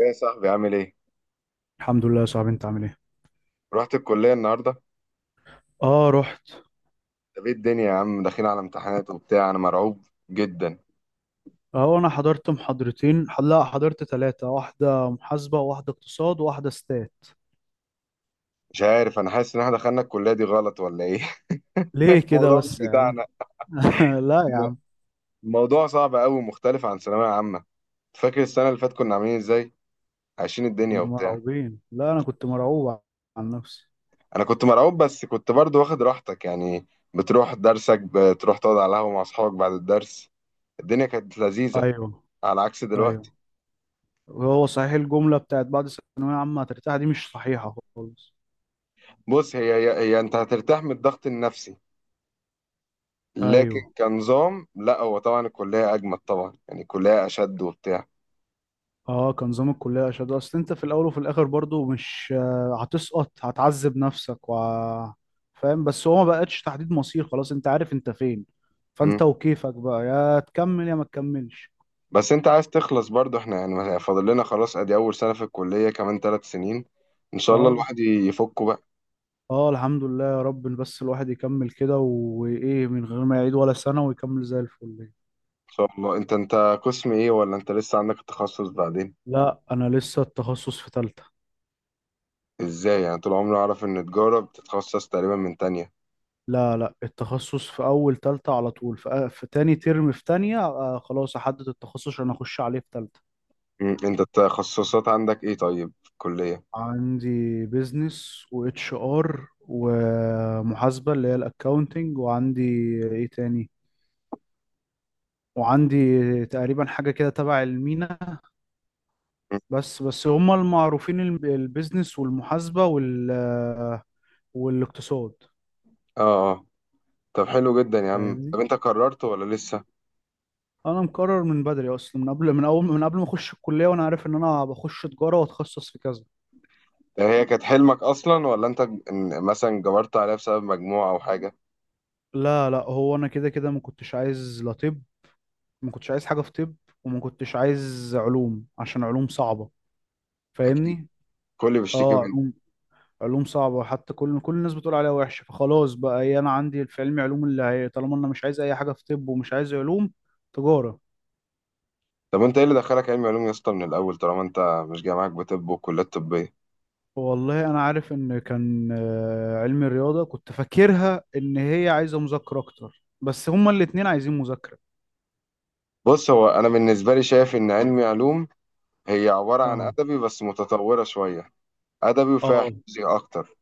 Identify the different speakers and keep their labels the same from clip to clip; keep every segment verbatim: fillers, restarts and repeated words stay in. Speaker 1: ايه يا صاحبي عامل ايه؟
Speaker 2: الحمد لله يا صاحبي، انت عامل ايه؟
Speaker 1: رحت الكلية النهاردة؟
Speaker 2: اه، رحت.
Speaker 1: طب ايه الدنيا يا عم، داخلين على امتحانات وبتاع. انا مرعوب جدا.
Speaker 2: اه، انا حضرت محاضرتين، لا حضرت ثلاثة، واحدة محاسبة وواحدة اقتصاد وواحدة ستات.
Speaker 1: مش عارف، انا حاسس ان احنا دخلنا الكلية دي غلط ولا ايه؟
Speaker 2: ليه كده
Speaker 1: الموضوع
Speaker 2: بس
Speaker 1: مش
Speaker 2: يا عم؟
Speaker 1: بتاعنا.
Speaker 2: لا يا
Speaker 1: الم-
Speaker 2: عم.
Speaker 1: الموضوع صعب قوي ومختلف عن ثانوية عامة. فاكر السنة اللي فاتت كنا عاملين ازاي؟ عايشين الدنيا
Speaker 2: كنا
Speaker 1: وبتاع.
Speaker 2: مرعوبين، لا انا كنت مرعوب عن نفسي.
Speaker 1: انا كنت مرعوب بس كنت برضو واخد راحتك يعني، بتروح درسك، بتروح تقعد على القهوة مع اصحابك بعد الدرس. الدنيا كانت لذيذة،
Speaker 2: ايوه،
Speaker 1: على عكس دلوقتي.
Speaker 2: ايوه. هو صحيح الجملة بتاعت بعد ثانوية عامة هترتاح دي مش صحيحة خالص.
Speaker 1: بص هي هي, هي انت هترتاح من الضغط النفسي، لكن
Speaker 2: ايوه.
Speaker 1: كنظام لا. هو طبعا الكلية أجمد، طبعا يعني الكلية أشد وبتاع.
Speaker 2: اه، كان نظام الكلية أشد، أصل أنت في الأول وفي الآخر برضو مش آه، هتسقط، هتعذب نفسك و... فاهم. بس هو ما بقتش تحديد مصير، خلاص أنت عارف أنت فين،
Speaker 1: مم.
Speaker 2: فأنت وكيفك بقى، يا تكمل يا ما تكملش.
Speaker 1: بس أنت عايز تخلص برضو. إحنا يعني فاضل لنا خلاص، أدي أول سنة في الكلية، كمان ثلاث سنين إن شاء الله
Speaker 2: اه،
Speaker 1: الواحد يفكه بقى.
Speaker 2: اه الحمد لله يا رب، بس الواحد يكمل كده وإيه من غير ما يعيد ولا سنة ويكمل زي الفل.
Speaker 1: إن شاء الله. أنت أنت قسم إيه، ولا أنت لسه عندك التخصص بعدين؟
Speaker 2: لا، أنا لسه التخصص في تالتة.
Speaker 1: إزاي يعني؟ طول عمري أعرف إن تجارة بتتخصص تقريبا من تانية.
Speaker 2: لا لا، التخصص في أول تالتة على طول. في, آه، في تاني ترم، في تانية آه خلاص أحدد التخصص عشان أخش عليه في تالتة.
Speaker 1: مم. أنت التخصصات عندك إيه طيب في الكلية؟
Speaker 2: عندي بيزنس واتش ار ومحاسبة اللي هي الاكاونتنج، وعندي ايه تاني، وعندي تقريبا حاجة كده تبع المينا.
Speaker 1: مم.
Speaker 2: بس بس هما المعروفين، الب- البيزنس والمحاسبة وال والاقتصاد.
Speaker 1: آه آه. طب حلو جدا يا عم،
Speaker 2: فاهمني؟
Speaker 1: طب أنت قررت ولا لسه؟
Speaker 2: انا مقرر من بدري اصلا، من قبل، من اول، من قبل ما اخش الكلية، وانا عارف ان انا بخش تجارة واتخصص في كذا.
Speaker 1: هي كانت حلمك اصلا ولا انت ج- إن مثلا جبرت عليها بسبب مجموعة او حاجة؟
Speaker 2: لا لا، هو انا كده كده ما كنتش عايز لا طب، ما كنتش عايز حاجة في طب، وما كنتش عايز علوم عشان علوم صعبة.
Speaker 1: اكيد.
Speaker 2: فاهمني.
Speaker 1: كل بيشتكي
Speaker 2: اه،
Speaker 1: منه.
Speaker 2: علوم، علوم صعبة، حتى كل كل الناس بتقول عليها وحشة، فخلاص بقى ايه، انا عندي في علمي علوم، اللي هي طالما انا مش عايز اي حاجة في طب ومش عايز علوم، تجارة.
Speaker 1: طب انت ايه اللي دخلك علم علوم يا اسطى من الاول؟ طالما انت مش جاي معاك بطب وكليات طبية.
Speaker 2: والله انا عارف ان كان آه، علمي رياضة كنت فاكرها ان هي عايزة مذاكرة اكتر، بس هما الاتنين عايزين مذاكرة.
Speaker 1: بص، هو انا بالنسبة لي شايف ان علم علوم هي عبارة عن
Speaker 2: اه،
Speaker 1: ادبي بس متطورة شوية. ادبي وفيها
Speaker 2: اه،
Speaker 1: حفظي اكتر،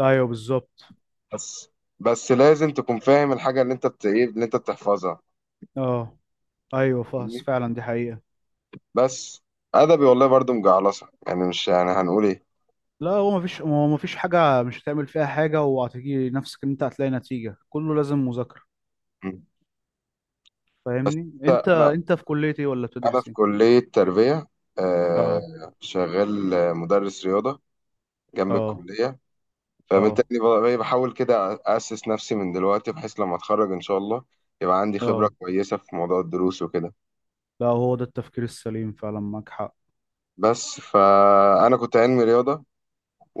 Speaker 2: ايوه بالظبط.
Speaker 1: بس بس لازم تكون فاهم الحاجة اللي انت بت... إيه اللي انت بتحفظها.
Speaker 2: اه، ايوه فاس،
Speaker 1: فاهمني.
Speaker 2: فعلا دي حقيقة.
Speaker 1: بس ادبي والله برضو مجعلصة يعني، مش يعني هنقول ايه.
Speaker 2: لا، هو مفيش هو مفيش حاجة مش هتعمل فيها حاجة، وهتيجي نفسك ان انت هتلاقي نتيجة، كله لازم مذاكرة.
Speaker 1: م.
Speaker 2: فاهمني؟ انت
Speaker 1: انا
Speaker 2: انت في كلية ايه ولا
Speaker 1: أنا
Speaker 2: بتدرس
Speaker 1: في
Speaker 2: ايه؟
Speaker 1: كلية تربية.
Speaker 2: اه،
Speaker 1: آه، شغال آه، مدرس رياضة جنب
Speaker 2: اه،
Speaker 1: الكلية.
Speaker 2: اه،
Speaker 1: فبالتالي ب- بحاول كده أسس نفسي من دلوقتي، بحيث لما أتخرج إن شاء الله يبقى عندي
Speaker 2: اه.
Speaker 1: خبرة كويسة في موضوع الدروس وكده.
Speaker 2: لا، هو ده التفكير السليم فعلا، معاك حق.
Speaker 1: بس فأنا كنت علمي رياضة،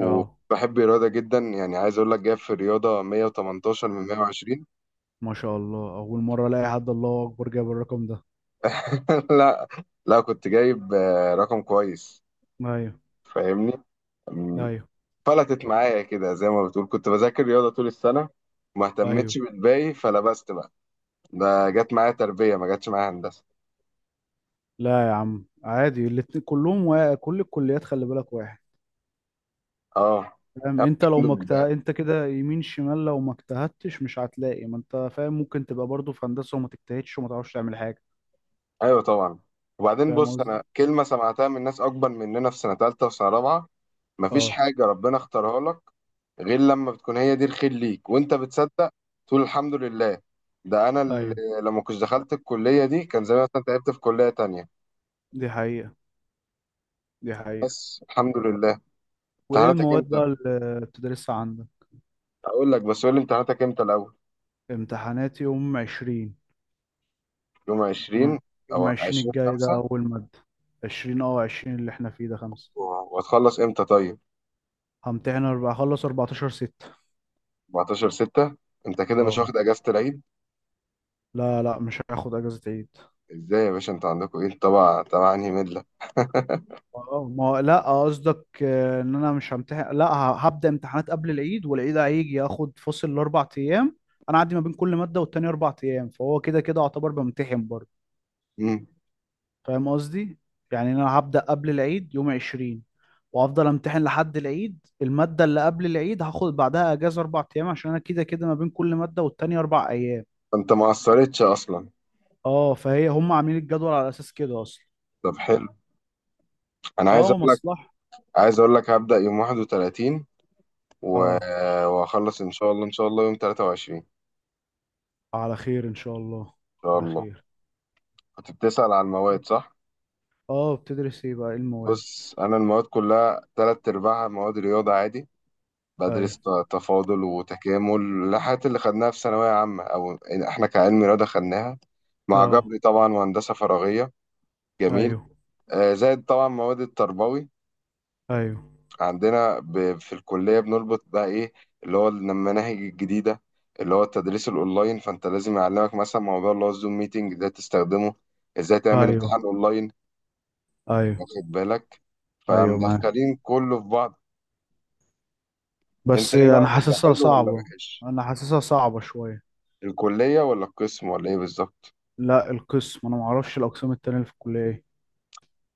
Speaker 2: اه،
Speaker 1: الرياضة جدا، يعني عايز أقول لك جايب في الرياضة مية وتمنتاشر من مائة وعشرون.
Speaker 2: ما شاء الله، اول مرة الاقي حد، الله اكبر، جاب الرقم ده.
Speaker 1: لا لا، كنت جايب آه، رقم كويس.
Speaker 2: ايوه،
Speaker 1: فاهمني.
Speaker 2: ايوه،
Speaker 1: فلتت معايا كده زي ما بتقول، كنت بذاكر رياضة طول السنة وما
Speaker 2: ايوه.
Speaker 1: اهتمتش بالباقي فلبست بقى. ده جت معايا تربية، ما جاتش معايا هندسة.
Speaker 2: لا يا عم عادي، الاتنين كلهم وا... كل الكليات خلي بالك واحد.
Speaker 1: اه.
Speaker 2: فاهم،
Speaker 1: طب
Speaker 2: انت لو
Speaker 1: الحمد
Speaker 2: ما مكت...
Speaker 1: لله.
Speaker 2: انت كده يمين شمال، لو ما اجتهدتش مش هتلاقي. ما انت فاهم، ممكن تبقى برضه في هندسة وما تجتهدش وما تعرفش تعمل حاجة.
Speaker 1: ايوه طبعا. وبعدين
Speaker 2: فاهم
Speaker 1: بص،
Speaker 2: قصدي.
Speaker 1: انا كلمة سمعتها من ناس اكبر مننا في سنة تالتة وسنة رابعة: مفيش
Speaker 2: اه،
Speaker 1: حاجة ربنا اختارها لك غير لما بتكون هي دي الخير ليك وانت بتصدق تقول الحمد لله. ده انا اللي
Speaker 2: ايوه،
Speaker 1: لما كنت دخلت الكلية دي كان زمان مثلا تعبت في كلية تانية.
Speaker 2: دي حقيقة، دي حقيقة.
Speaker 1: بس الحمد لله.
Speaker 2: وايه
Speaker 1: امتحاناتك
Speaker 2: المواد
Speaker 1: امتى؟
Speaker 2: بقى اللي بتدرسها عندك؟
Speaker 1: اقول لك، بس قول لي امتحاناتك امتى الاول.
Speaker 2: امتحانات يوم عشرين.
Speaker 1: يوم عشرين،
Speaker 2: يوم يوم
Speaker 1: او
Speaker 2: عشرين
Speaker 1: عشرين،
Speaker 2: الجاي ده
Speaker 1: خمسة.
Speaker 2: اول مادة. عشرين، اه عشرين اللي احنا فيه ده خمسة.
Speaker 1: وهتخلص امتى طيب؟
Speaker 2: همتحن اربعة، اخلص اربعتاشر ستة.
Speaker 1: اربعتاشر، ستة. انت كده مش
Speaker 2: اه،
Speaker 1: واخد اجازة العيد؟
Speaker 2: لا لا، مش هاخد اجازة عيد.
Speaker 1: ازاي يا باشا، انت عندكم ايه؟ طبعا طبعا. انهي ملة؟
Speaker 2: اه، ما لا قصدك آه، ان انا مش همتحن، لا ه- هبدأ امتحانات قبل العيد، والعيد هيجي اخد فصل الاربع ايام. انا عندي ما بين كل مادة والتانية اربع ايام، فهو كده كده اعتبر بمتحن برضه.
Speaker 1: امم.
Speaker 2: فاهم قصدي؟ يعني انا هبدأ قبل العيد يوم عشرين، وافضل امتحن لحد العيد. الماده اللي قبل العيد هاخد بعدها اجازه اربع ايام، عشان انا كده كده ما بين كل ماده والتانيه اربع ايام.
Speaker 1: انت ما قصرتش اصلا.
Speaker 2: اه، فهي هم عاملين الجدول على اساس كده اصلا.
Speaker 1: طب حلو. انا عايز
Speaker 2: اه،
Speaker 1: اقول لك،
Speaker 2: مصلحه.
Speaker 1: عايز اقول لك هبدأ يوم واحد وثلاثين و-
Speaker 2: اه،
Speaker 1: وهخلص ان شاء الله، ان شاء الله يوم تلاتة وعشرين ان
Speaker 2: على خير ان شاء الله،
Speaker 1: شاء
Speaker 2: على
Speaker 1: الله.
Speaker 2: خير.
Speaker 1: كنت بتسأل على المواد، صح.
Speaker 2: اه، بتدرس ايه بقى، ايه المواد؟
Speaker 1: بص، انا المواد كلها تلات ارباعها مواد رياضة عادي.
Speaker 2: ايوه،
Speaker 1: بدرس ت- تفاضل وتكامل، الحاجات اللي خدناها في ثانوية عامة أو إحنا كعلم رياضة خدناها، مع
Speaker 2: اه،
Speaker 1: جبري طبعا وهندسة فراغية. جميل.
Speaker 2: ايوه،
Speaker 1: آه، زائد طبعا مواد التربوي
Speaker 2: ايوه،
Speaker 1: عندنا ب- في الكلية، بنربط بقى إيه اللي هو المناهج الجديدة، اللي هو التدريس الأونلاين. فأنت لازم يعلمك مثلا موضوع اللي هو الزوم ميتنج ده، تستخدمه إزاي، تعمل
Speaker 2: ايوه،
Speaker 1: امتحان أونلاين،
Speaker 2: ايوه،
Speaker 1: واخد بالك،
Speaker 2: ايوه معاك.
Speaker 1: فمدخلين كله في بعض. أنت
Speaker 2: بس
Speaker 1: إيه
Speaker 2: انا
Speaker 1: رأيك، ده
Speaker 2: حاسسها
Speaker 1: حلو ولا
Speaker 2: صعبه.
Speaker 1: وحش؟
Speaker 2: انا حاسسها صعبه شويه.
Speaker 1: الكلية ولا القسم ولا إيه بالظبط؟
Speaker 2: لا القسم، انا ما اعرفش الاقسام التانيه اللي في الكليه ايه.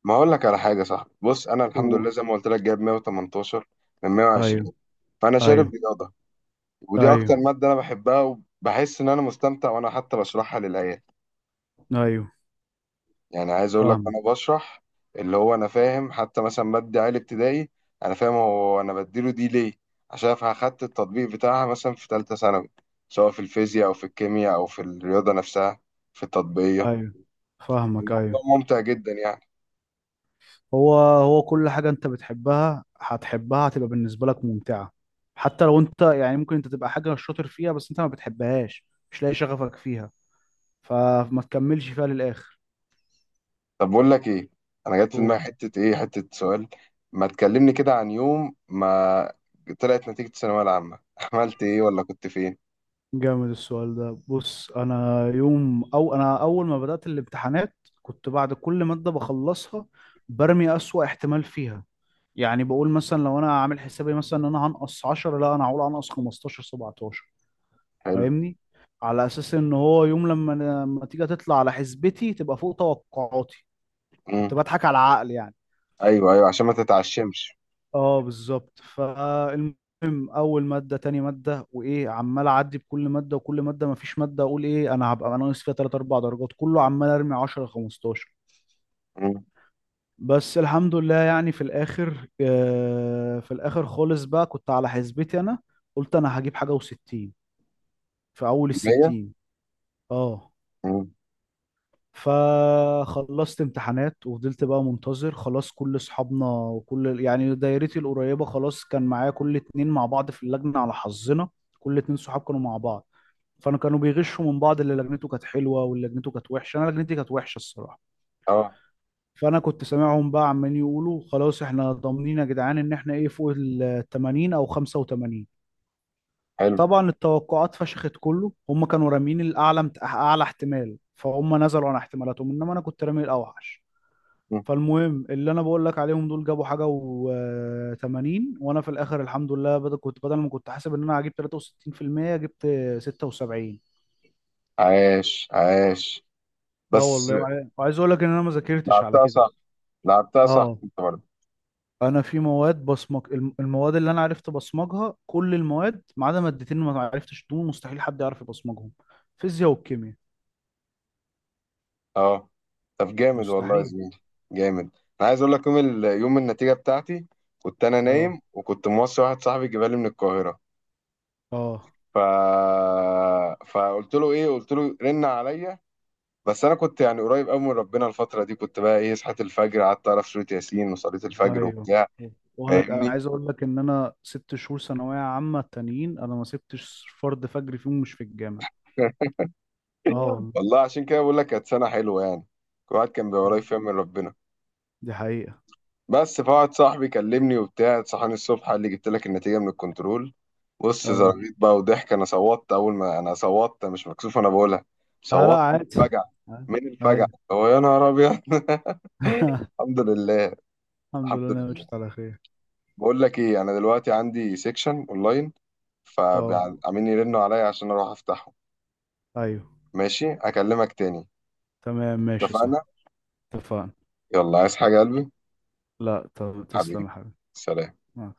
Speaker 1: ما اقول لك على حاجه يا صاحبي. بص انا الحمد لله
Speaker 2: قول.
Speaker 1: زي ما قلت لك، جايب مائة وثمانية عشر من مية وعشرين.
Speaker 2: ايوه،
Speaker 1: فانا شارب
Speaker 2: ايوه،
Speaker 1: رياضه، ودي
Speaker 2: ايوه،
Speaker 1: اكتر ماده انا بحبها. وبحس ان انا مستمتع، وانا حتى بشرحها للعيال.
Speaker 2: ايوه
Speaker 1: يعني عايز اقول لك
Speaker 2: فاهمك،
Speaker 1: انا بشرح، اللي هو انا فاهم حتى مثلا ماده عالي ابتدائي. انا فاهم هو انا بديله دي ليه، عشان اخدت التطبيق بتاعها مثلا في ثالثه ثانوي، سواء في الفيزياء او في الكيمياء او في الرياضه نفسها، في التطبيقيه.
Speaker 2: ايوه فاهمك،
Speaker 1: الموضوع
Speaker 2: ايوه.
Speaker 1: ممتع جدا يعني.
Speaker 2: هو هو كل حاجه انت بتحبها هتحبها، هتبقى بالنسبه لك ممتعه. حتى لو انت، يعني ممكن انت تبقى حاجه شاطر فيها بس انت ما بتحبهاش، مش لاقي شغفك فيها، فما تكملش فيها للاخر.
Speaker 1: طب بقول لك ايه، انا جات في
Speaker 2: أوه.
Speaker 1: دماغي حته ايه حته سؤال. ما تكلمني كده عن يوم ما طلعت نتيجه الثانويه العامه. عملت ايه ولا كنت فين؟
Speaker 2: جامد السؤال ده. بص، انا يوم او انا اول ما بدات الامتحانات كنت بعد كل ماده بخلصها برمي اسوأ احتمال فيها. يعني بقول مثلا لو انا عامل حسابي مثلا ان انا هنقص عشرة، لا انا هقول هنقص خمستاشر، سبعة عشر.
Speaker 1: حلو.
Speaker 2: فاهمني؟ على اساس ان هو يوم لما أنا- لما تيجي تطلع على حسبتي تبقى فوق توقعاتي. كنت
Speaker 1: امم.
Speaker 2: بضحك على العقل يعني.
Speaker 1: ايوه ايوه، عشان ما تتعشمش.
Speaker 2: اه بالظبط. فالمهم، اول ماده، تاني ماده، وايه، عمال اعدي بكل ماده، وكل ماده ما فيش ماده اقول ايه انا هبقى ناقص فيها ثلاث اربعة درجات، كله عمال ارمي عشر خمستاشر.
Speaker 1: امم.
Speaker 2: بس الحمد لله يعني في الاخر، آه في الاخر خالص بقى كنت على حسبتي انا. قلت انا هجيب حاجه و60، في اول ال
Speaker 1: مائة.
Speaker 2: ستين. اه.
Speaker 1: امم.
Speaker 2: فخلصت امتحانات وفضلت بقى منتظر، خلاص كل اصحابنا وكل يعني دايرتي القريبه خلاص. كان معايا كل اتنين مع بعض في اللجنه، على حظنا كل اتنين صحاب كانوا مع بعض. فانا كانوا بيغشوا من بعض، اللي لجنته كانت حلوه واللي لجنته كانت وحشه، انا لجنتي كانت وحشه الصراحه.
Speaker 1: اه.
Speaker 2: فانا كنت سامعهم بقى عمالين يقولوا خلاص احنا ضامنين يا جدعان ان احنا ايه فوق ال تمانين او خمسة وتمانين.
Speaker 1: حلو.
Speaker 2: طبعا التوقعات فشخت، كله هم كانوا رامين الاعلى، اعلى احتمال، فهم نزلوا عن احتمالاتهم، انما انا كنت رامي الاوحش.
Speaker 1: مم.
Speaker 2: فالمهم، اللي انا بقول لك عليهم دول جابوا حاجه و80، وانا في الاخر الحمد لله، بدل كنت بدل ما كنت حاسب ان انا هجيب تلاتة وستين في المية جبت ستة وسبعين.
Speaker 1: عاش عاش.
Speaker 2: اه
Speaker 1: بس
Speaker 2: والله. وع- وعايز اقول لك ان انا ما ذاكرتش على
Speaker 1: لعبتها
Speaker 2: كده.
Speaker 1: صح، لعبتها صح
Speaker 2: اه،
Speaker 1: انت برضه.
Speaker 2: انا في مواد بصمج، الم- المواد اللي انا عرفت ابصمجها كل المواد ما عدا مادتين ما عرفتش، دول مستحيل حد يعرف يبصمجهم، فيزياء والكيمياء.
Speaker 1: اه. طب جامد والله يا
Speaker 2: مستحيل.
Speaker 1: زميلي. جامد. انا عايز اقول لك يوم ال... يوم النتيجه بتاعتي، كنت انا
Speaker 2: اه،
Speaker 1: نايم، وكنت موصي واحد صاحبي جبالي من القاهره.
Speaker 2: اه،
Speaker 1: ف... فقلت له ايه، قلت له رن عليا. بس انا كنت يعني قريب قوي من ربنا الفتره دي، كنت بقى ايه، صحيت الفجر، قعدت اعرف سوره ياسين، وصليت الفجر
Speaker 2: ايوه.
Speaker 1: وبتاع.
Speaker 2: وانا ك-
Speaker 1: فاهمني.
Speaker 2: عايز اقول لك ان انا ست شهور ثانويه عامه تانيين انا ما سبتش فرد فجر فيهم، مش في الجامعه. اه والله.
Speaker 1: والله عشان كده بقول لك كانت سنه حلوه يعني، الواحد كان بيبقى قريب فيها من ربنا.
Speaker 2: دي حقيقه.
Speaker 1: بس فواحد صاحبي كلمني وبتاع، صحاني الصبح، قال لي جبت لك النتيجه من الكنترول. بص،
Speaker 2: اه،
Speaker 1: زرغيت بقى وضحك. انا صوتت اول ما انا صوتت، مش مكسوف انا بقولها،
Speaker 2: اه، لا
Speaker 1: صوتت من
Speaker 2: عادي.
Speaker 1: الفجع.
Speaker 2: آه،
Speaker 1: من الفجع.
Speaker 2: ايوه.
Speaker 1: هو يا نهار ابيض. الحمد لله.
Speaker 2: الحمد
Speaker 1: الحمد
Speaker 2: لله انا مشيت
Speaker 1: لله.
Speaker 2: على خير.
Speaker 1: بقول لك ايه، انا دلوقتي عندي سيكشن اونلاين،
Speaker 2: اه،
Speaker 1: فعاملين يرنوا عليا عشان اروح افتحه.
Speaker 2: ايوه،
Speaker 1: ماشي اكلمك تاني.
Speaker 2: تمام، ماشي
Speaker 1: اتفقنا.
Speaker 2: صح. اتفقنا.
Speaker 1: يلا، عايز حاجة يا قلبي؟
Speaker 2: لا طب، تسلم
Speaker 1: حبيبي،
Speaker 2: يا حبيبي.
Speaker 1: سلام.
Speaker 2: مع